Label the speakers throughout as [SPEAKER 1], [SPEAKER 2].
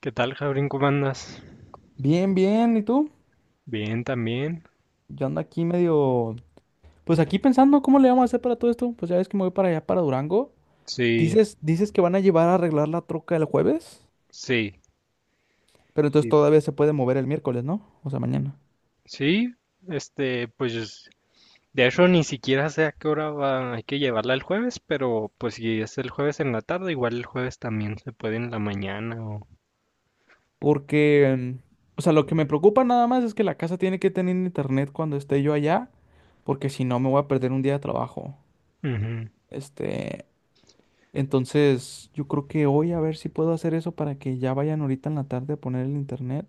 [SPEAKER 1] ¿Qué tal, Jabrín? ¿Cómo andas?
[SPEAKER 2] Bien, bien, ¿y tú?
[SPEAKER 1] Bien, también.
[SPEAKER 2] Yo ando aquí medio, pues aquí pensando cómo le vamos a hacer para todo esto. Pues ya ves que me voy para allá, para Durango.
[SPEAKER 1] Sí,
[SPEAKER 2] Dices que van a llevar a arreglar la troca el jueves,
[SPEAKER 1] sí,
[SPEAKER 2] pero entonces
[SPEAKER 1] sí,
[SPEAKER 2] todavía se puede mover el miércoles, ¿no? O sea, mañana.
[SPEAKER 1] sí. Este, pues, de hecho, ni siquiera sé a qué hora va, hay que llevarla el jueves, pero pues si es el jueves en la tarde, igual el jueves también se puede en la mañana o.
[SPEAKER 2] Porque, o sea, lo que me preocupa nada más es que la casa tiene que tener internet cuando esté yo allá, porque si no me voy a perder un día de trabajo.
[SPEAKER 1] Ujú.
[SPEAKER 2] Este, entonces yo creo que hoy a ver si puedo hacer eso para que ya vayan ahorita en la tarde a poner el internet.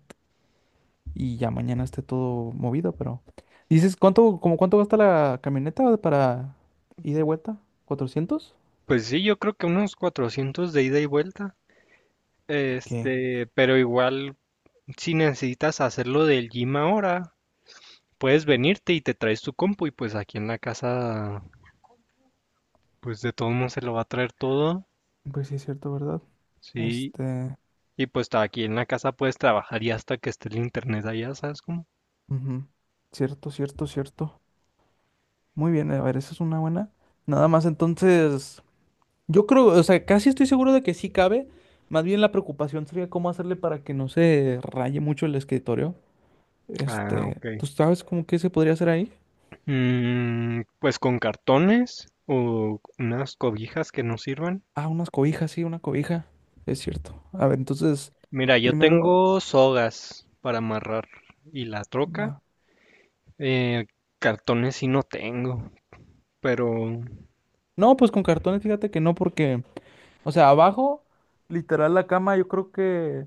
[SPEAKER 2] Y ya mañana esté todo movido, pero... Dices, ¿cuánto gasta la camioneta para ida y vuelta? 400.
[SPEAKER 1] Pues sí, yo creo que unos 400 de ida y vuelta.
[SPEAKER 2] Ok,
[SPEAKER 1] Este, pero igual, si necesitas hacerlo del gym ahora, puedes venirte y te traes tu compu y pues aquí en la casa, pues de todos modos se lo va a traer todo.
[SPEAKER 2] pues sí, es cierto, ¿verdad?
[SPEAKER 1] Sí,
[SPEAKER 2] Este...
[SPEAKER 1] y pues está aquí en la casa puedes trabajar y hasta que esté el internet allá, ¿sabes cómo?
[SPEAKER 2] Ujú. Cierto, cierto, cierto. Muy bien, a ver, esa es una buena. Nada más, entonces, yo creo, o sea, casi estoy seguro de que sí cabe. Más bien la preocupación sería cómo hacerle para que no se raye mucho el escritorio.
[SPEAKER 1] Ah, ok.
[SPEAKER 2] ¿Tú sabes cómo que se podría hacer ahí?
[SPEAKER 1] Mm, pues con cartones o unas cobijas que no sirvan.
[SPEAKER 2] Ah, unas cobijas, sí, una cobija. Es cierto. A ver, entonces,
[SPEAKER 1] Mira, yo
[SPEAKER 2] primero...
[SPEAKER 1] tengo sogas para amarrar y la troca.
[SPEAKER 2] Va.
[SPEAKER 1] Eh, cartones sí no tengo, pero
[SPEAKER 2] No, pues con cartones, fíjate que no, porque, o sea, abajo, literal, la cama, yo creo que,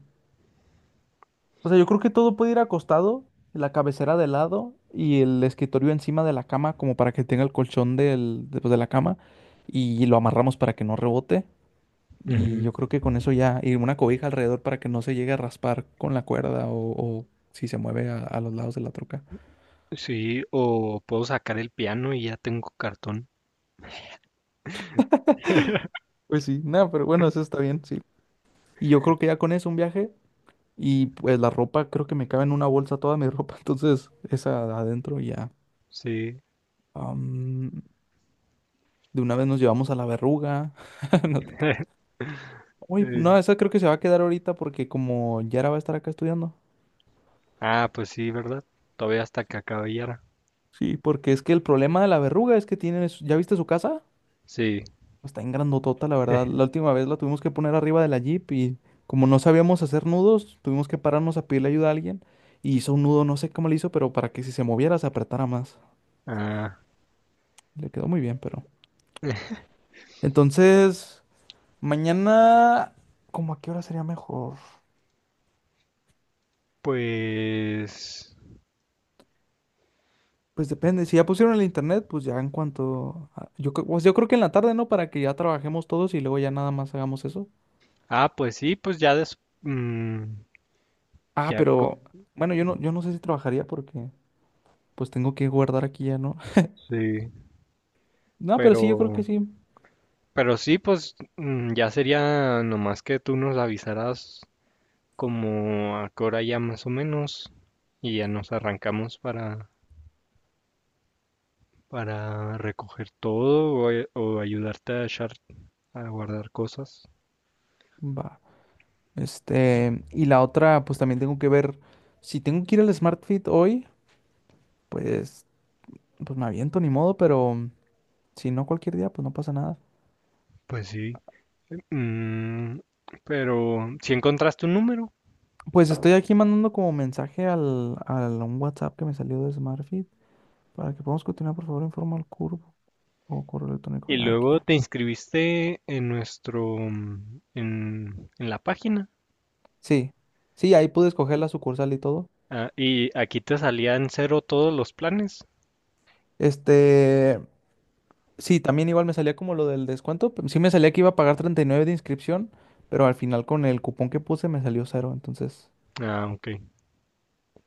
[SPEAKER 2] o sea, yo creo que todo puede ir acostado, la cabecera de lado y el escritorio encima de la cama, como para que tenga el colchón de la cama, y lo amarramos para que no rebote. Y
[SPEAKER 1] ujú,
[SPEAKER 2] yo creo que con eso ya, y una cobija alrededor para que no se llegue a raspar con la cuerda o si se mueve a los lados de la troca.
[SPEAKER 1] sí, o puedo sacar el piano y ya tengo cartón.
[SPEAKER 2] Pues sí, nada, pero bueno, eso está bien, sí. Y yo creo que ya con eso un viaje y pues la ropa, creo que me cabe en una bolsa toda mi ropa, entonces esa adentro y ya.
[SPEAKER 1] Sí.
[SPEAKER 2] Am, de una vez nos llevamos a la verruga. No te creas. Uy,
[SPEAKER 1] eh,
[SPEAKER 2] no, esa creo que se va a quedar ahorita porque como Yara va a estar acá estudiando.
[SPEAKER 1] ah, pues sí, ¿verdad? Todavía hasta que acabe ya.
[SPEAKER 2] Sí, porque es que el problema de la verruga es que ¿ya viste su casa?
[SPEAKER 1] Sí.
[SPEAKER 2] Está en grandotota, la verdad. La última vez la tuvimos que poner arriba de la Jeep y como no sabíamos hacer nudos, tuvimos que pararnos a pedirle ayuda a alguien y hizo un nudo, no sé cómo le hizo, pero para que si se moviera se apretara más.
[SPEAKER 1] Ah,
[SPEAKER 2] Le quedó muy bien, pero... Entonces, mañana, ¿cómo a qué hora sería mejor?
[SPEAKER 1] pues,
[SPEAKER 2] Pues depende, si ya pusieron el internet, pues ya en cuanto... pues yo creo que en la tarde, ¿no? Para que ya trabajemos todos y luego ya nada más hagamos eso.
[SPEAKER 1] ah, pues sí, pues ya des, mm,
[SPEAKER 2] Ah,
[SPEAKER 1] ya co-
[SPEAKER 2] pero... Bueno, yo no sé si trabajaría porque pues tengo que guardar aquí ya, ¿no?
[SPEAKER 1] sí,
[SPEAKER 2] No, pero sí, yo creo
[SPEAKER 1] pero,
[SPEAKER 2] que sí.
[SPEAKER 1] pero sí, pues ya sería nomás que tú nos avisaras como a qué hora ya más o menos y ya nos arrancamos para recoger todo o ayudarte a echar, a guardar cosas.
[SPEAKER 2] Va. Y la otra, pues también tengo que ver. Si tengo que ir al Smart Fit hoy, pues, pues me aviento ni modo, pero si no cualquier día, pues no pasa nada.
[SPEAKER 1] Pues sí, mm, pero si encontraste un número.
[SPEAKER 2] Pues estoy aquí mandando como mensaje al un WhatsApp que me salió de Smart Fit para que podamos continuar, por favor, informa al curvo o correo electrónico.
[SPEAKER 1] Y
[SPEAKER 2] Ah, aquí
[SPEAKER 1] luego
[SPEAKER 2] ya.
[SPEAKER 1] te inscribiste en nuestro, en la página.
[SPEAKER 2] Sí, sí, ahí pude escoger la sucursal y todo.
[SPEAKER 1] Ah, y aquí te salían cero todos los planes.
[SPEAKER 2] Este. Sí, también igual me salía como lo del descuento, pero sí me salía que iba a pagar 39 de inscripción, pero al final con el cupón que puse me salió cero. Entonces,
[SPEAKER 1] Ah, ok.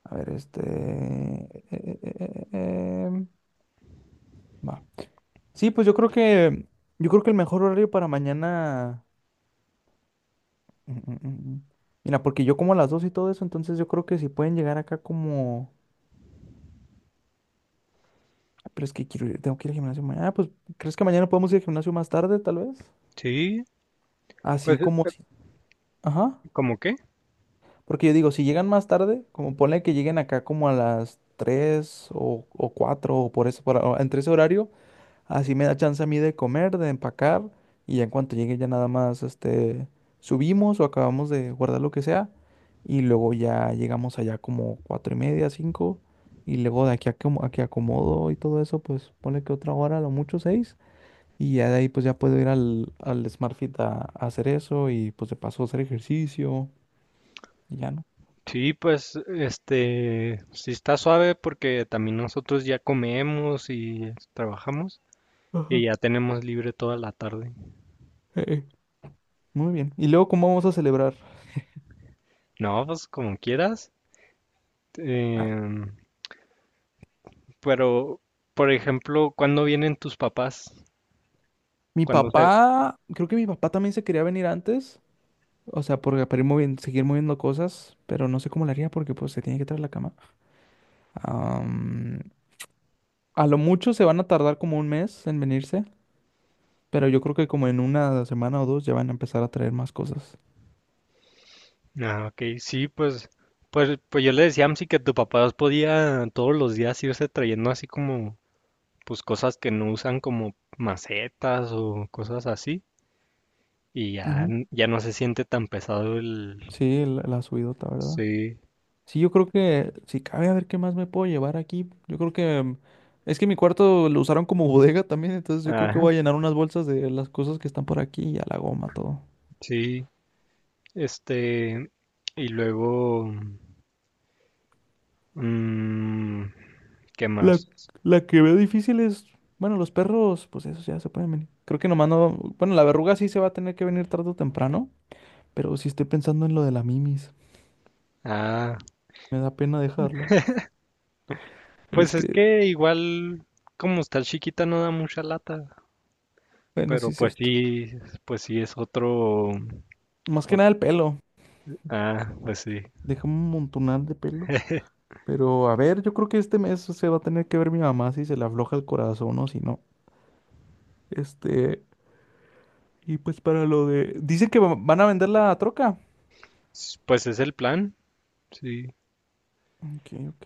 [SPEAKER 2] a ver, va. Sí, pues yo creo que... Yo creo que el mejor horario para mañana... mm, mm, mm, mm. Mira, porque yo como a las 2 y todo eso, entonces yo creo que si pueden llegar acá como... Ay, pero es que quiero ir, tengo que ir al gimnasio mañana. Ah, pues, ¿crees que mañana podemos ir al gimnasio más tarde, tal vez?
[SPEAKER 1] Sí,
[SPEAKER 2] Así
[SPEAKER 1] pues,
[SPEAKER 2] como... si- Ajá.
[SPEAKER 1] ¿cómo qué?
[SPEAKER 2] Porque yo digo, si llegan más tarde, como ponle que lleguen acá como a las 3 o 4 o por eso, o entre ese horario, así me da chance a mí de comer, de empacar y ya en cuanto llegue ya nada más subimos o acabamos de guardar lo que sea y luego ya llegamos allá como 4:30, 5 y luego de aquí a que acomodo y todo eso, pues ponle que otra hora, a lo mucho 6 y ya de ahí pues ya puedo ir al Smart Fit a hacer eso y pues de paso hacer ejercicio y ya
[SPEAKER 1] Sí, pues, este, sí está suave porque también nosotros ya comemos y trabajamos y
[SPEAKER 2] no.
[SPEAKER 1] ya tenemos libre toda la tarde.
[SPEAKER 2] Eh, eh, Muy bien. ¿Y luego cómo vamos a celebrar?
[SPEAKER 1] No, pues como quieras.
[SPEAKER 2] Ah,
[SPEAKER 1] Em, pero, por ejemplo, ¿cuándo vienen tus papás?
[SPEAKER 2] mi
[SPEAKER 1] ¿Cuándo
[SPEAKER 2] papá, creo que mi papá también se quería venir antes. O sea, porque para ir moviendo, seguir moviendo cosas, pero no sé cómo lo haría porque pues se tiene que traer la cama. Am, a lo mucho se van a tardar como un mes en venirse, pero yo creo que como en una semana o dos ya van a empezar a traer más cosas.
[SPEAKER 1] Ah, ok, sí, pues, pues yo le decía a Amsi que tu papá podía todos los días irse trayendo así como, pues cosas que no usan como macetas o cosas así, y ya,
[SPEAKER 2] Ujú.
[SPEAKER 1] ya no se siente tan pesado el.
[SPEAKER 2] Sí, la subidota, ¿verdad?
[SPEAKER 1] Sí,
[SPEAKER 2] Sí, yo creo que si cabe a ver qué más me puedo llevar aquí. Yo creo que es que mi cuarto lo usaron como bodega también, entonces yo creo que
[SPEAKER 1] ah,
[SPEAKER 2] voy a llenar unas bolsas de las cosas que están por aquí y a la goma todo.
[SPEAKER 1] sí, este, y luego, mm, ¿qué
[SPEAKER 2] La,
[SPEAKER 1] más?
[SPEAKER 2] la que veo difícil es, bueno, los perros, pues esos ya se pueden venir. Creo que nomás no, bueno, la verruga sí se va a tener que venir tarde o temprano, pero sí estoy pensando en lo de la mimis.
[SPEAKER 1] Ah,
[SPEAKER 2] Me da pena dejarla. Pero es
[SPEAKER 1] pues es
[SPEAKER 2] que,
[SPEAKER 1] que igual, como está chiquita no da mucha lata,
[SPEAKER 2] bueno,
[SPEAKER 1] pero
[SPEAKER 2] sí es cierto.
[SPEAKER 1] pues sí es otro.
[SPEAKER 2] Más que
[SPEAKER 1] No-
[SPEAKER 2] nada el pelo.
[SPEAKER 1] Ah, pues sí.
[SPEAKER 2] Deja un montonal de pelo. Pero a ver, yo creo que este mes se va a tener que ver mi mamá si se le afloja el corazón o si no. Este, y pues para lo de... Dicen que van a vender la troca.
[SPEAKER 1] Pues es el plan, sí.
[SPEAKER 2] Ok, ok.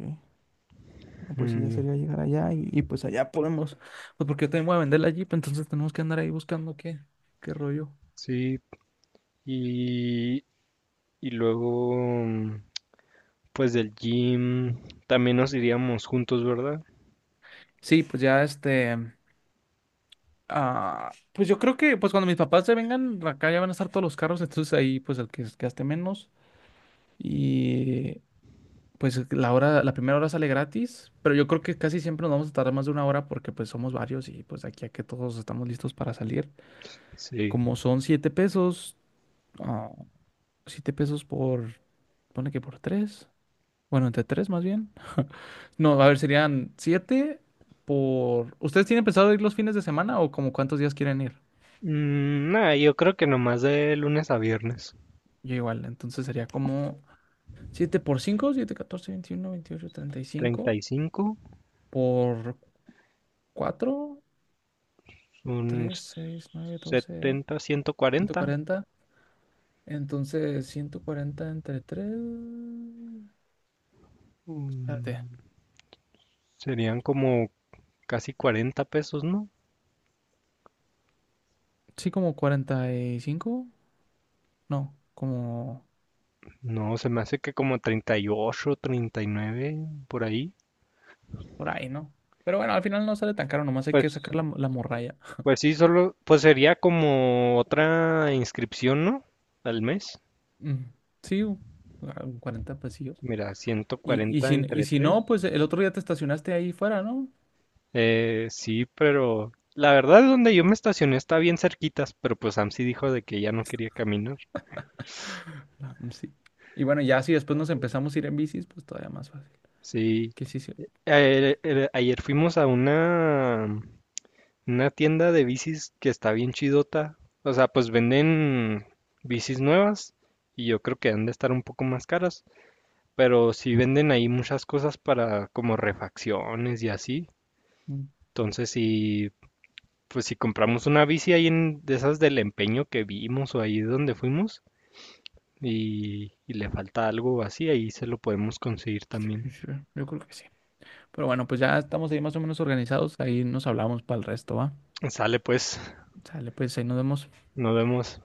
[SPEAKER 2] No, pues sí, ya
[SPEAKER 1] Mm,
[SPEAKER 2] sería llegar allá y pues allá podemos... Pues porque yo también voy a vender la Jeep, entonces tenemos que andar ahí buscando qué rollo.
[SPEAKER 1] sí, y, y luego, pues del gym también nos iríamos juntos, ¿verdad?
[SPEAKER 2] Sí, pues ya pues yo creo que pues cuando mis papás se vengan, acá ya van a estar todos los carros, entonces ahí pues el que gaste menos. Y pues la primera hora sale gratis, pero yo creo que casi siempre nos vamos a tardar más de una hora porque pues somos varios y pues de aquí a que todos estamos listos para salir.
[SPEAKER 1] Sí.
[SPEAKER 2] Como son ah, siete pesos por, pone que por tres, bueno, entre tres más bien. No, a ver, serían siete por... ¿Ustedes tienen pensado ir los fines de semana o como cuántos días quieren ir?
[SPEAKER 1] Mm, nada, yo creo que nomás de lunes a viernes.
[SPEAKER 2] Yo igual, entonces sería como siete por cinco, siete, catorce, veintiuno, veintiocho, treinta y
[SPEAKER 1] treinta
[SPEAKER 2] cinco
[SPEAKER 1] y cinco
[SPEAKER 2] por cuatro.
[SPEAKER 1] un
[SPEAKER 2] Tres, seis, nueve, doce.
[SPEAKER 1] 70,
[SPEAKER 2] ciento
[SPEAKER 1] 140.
[SPEAKER 2] cuarenta Entonces, 140 entre tres. Espérate.
[SPEAKER 1] mm, Serían como casi 40 pesos, ¿no?
[SPEAKER 2] Sí, como 45. No, como
[SPEAKER 1] No, se me hace que como 30, 38, 39 por ahí.
[SPEAKER 2] por ahí, ¿no? Pero bueno, al final no sale tan caro, nomás hay
[SPEAKER 1] Pues
[SPEAKER 2] que sacar la morralla.
[SPEAKER 1] Pues sí, solo, pues sería como otra inscripción, ¿no? Al mes.
[SPEAKER 2] Mm, sí, un pesillos.
[SPEAKER 1] Mira,
[SPEAKER 2] Y, y,
[SPEAKER 1] 140
[SPEAKER 2] si, y
[SPEAKER 1] entre
[SPEAKER 2] si no,
[SPEAKER 1] 3.
[SPEAKER 2] pues el otro día te estacionaste ahí fuera, ¿no?
[SPEAKER 1] Sí, pero la verdad donde yo me estacioné está bien cerquitas, pero pues Sam sí dijo de que ya no quería caminar.
[SPEAKER 2] Ah, mm, sí. Y bueno, ya si después nos empezamos a ir en bicis, pues todavía más fácil.
[SPEAKER 1] Sí.
[SPEAKER 2] Que sí, sí.
[SPEAKER 1] Ayer fuimos a una tienda de bicis que está bien chidota. O sea, pues venden bicis nuevas y yo creo que han de estar un poco más caras. Pero sí venden ahí muchas cosas para como refacciones y así.
[SPEAKER 2] Mm,
[SPEAKER 1] Entonces, si, pues si compramos una bici ahí de esas del empeño que vimos o ahí donde fuimos y le falta algo así, ahí se lo podemos conseguir
[SPEAKER 2] sí,
[SPEAKER 1] también.
[SPEAKER 2] sí. Yo creo que sí. Pero bueno, pues ya estamos ahí más o menos organizados. Ahí nos hablamos para el resto, ¿va?
[SPEAKER 1] Sale pues,
[SPEAKER 2] Sale, pues ahí nos vemos.
[SPEAKER 1] nos vemos.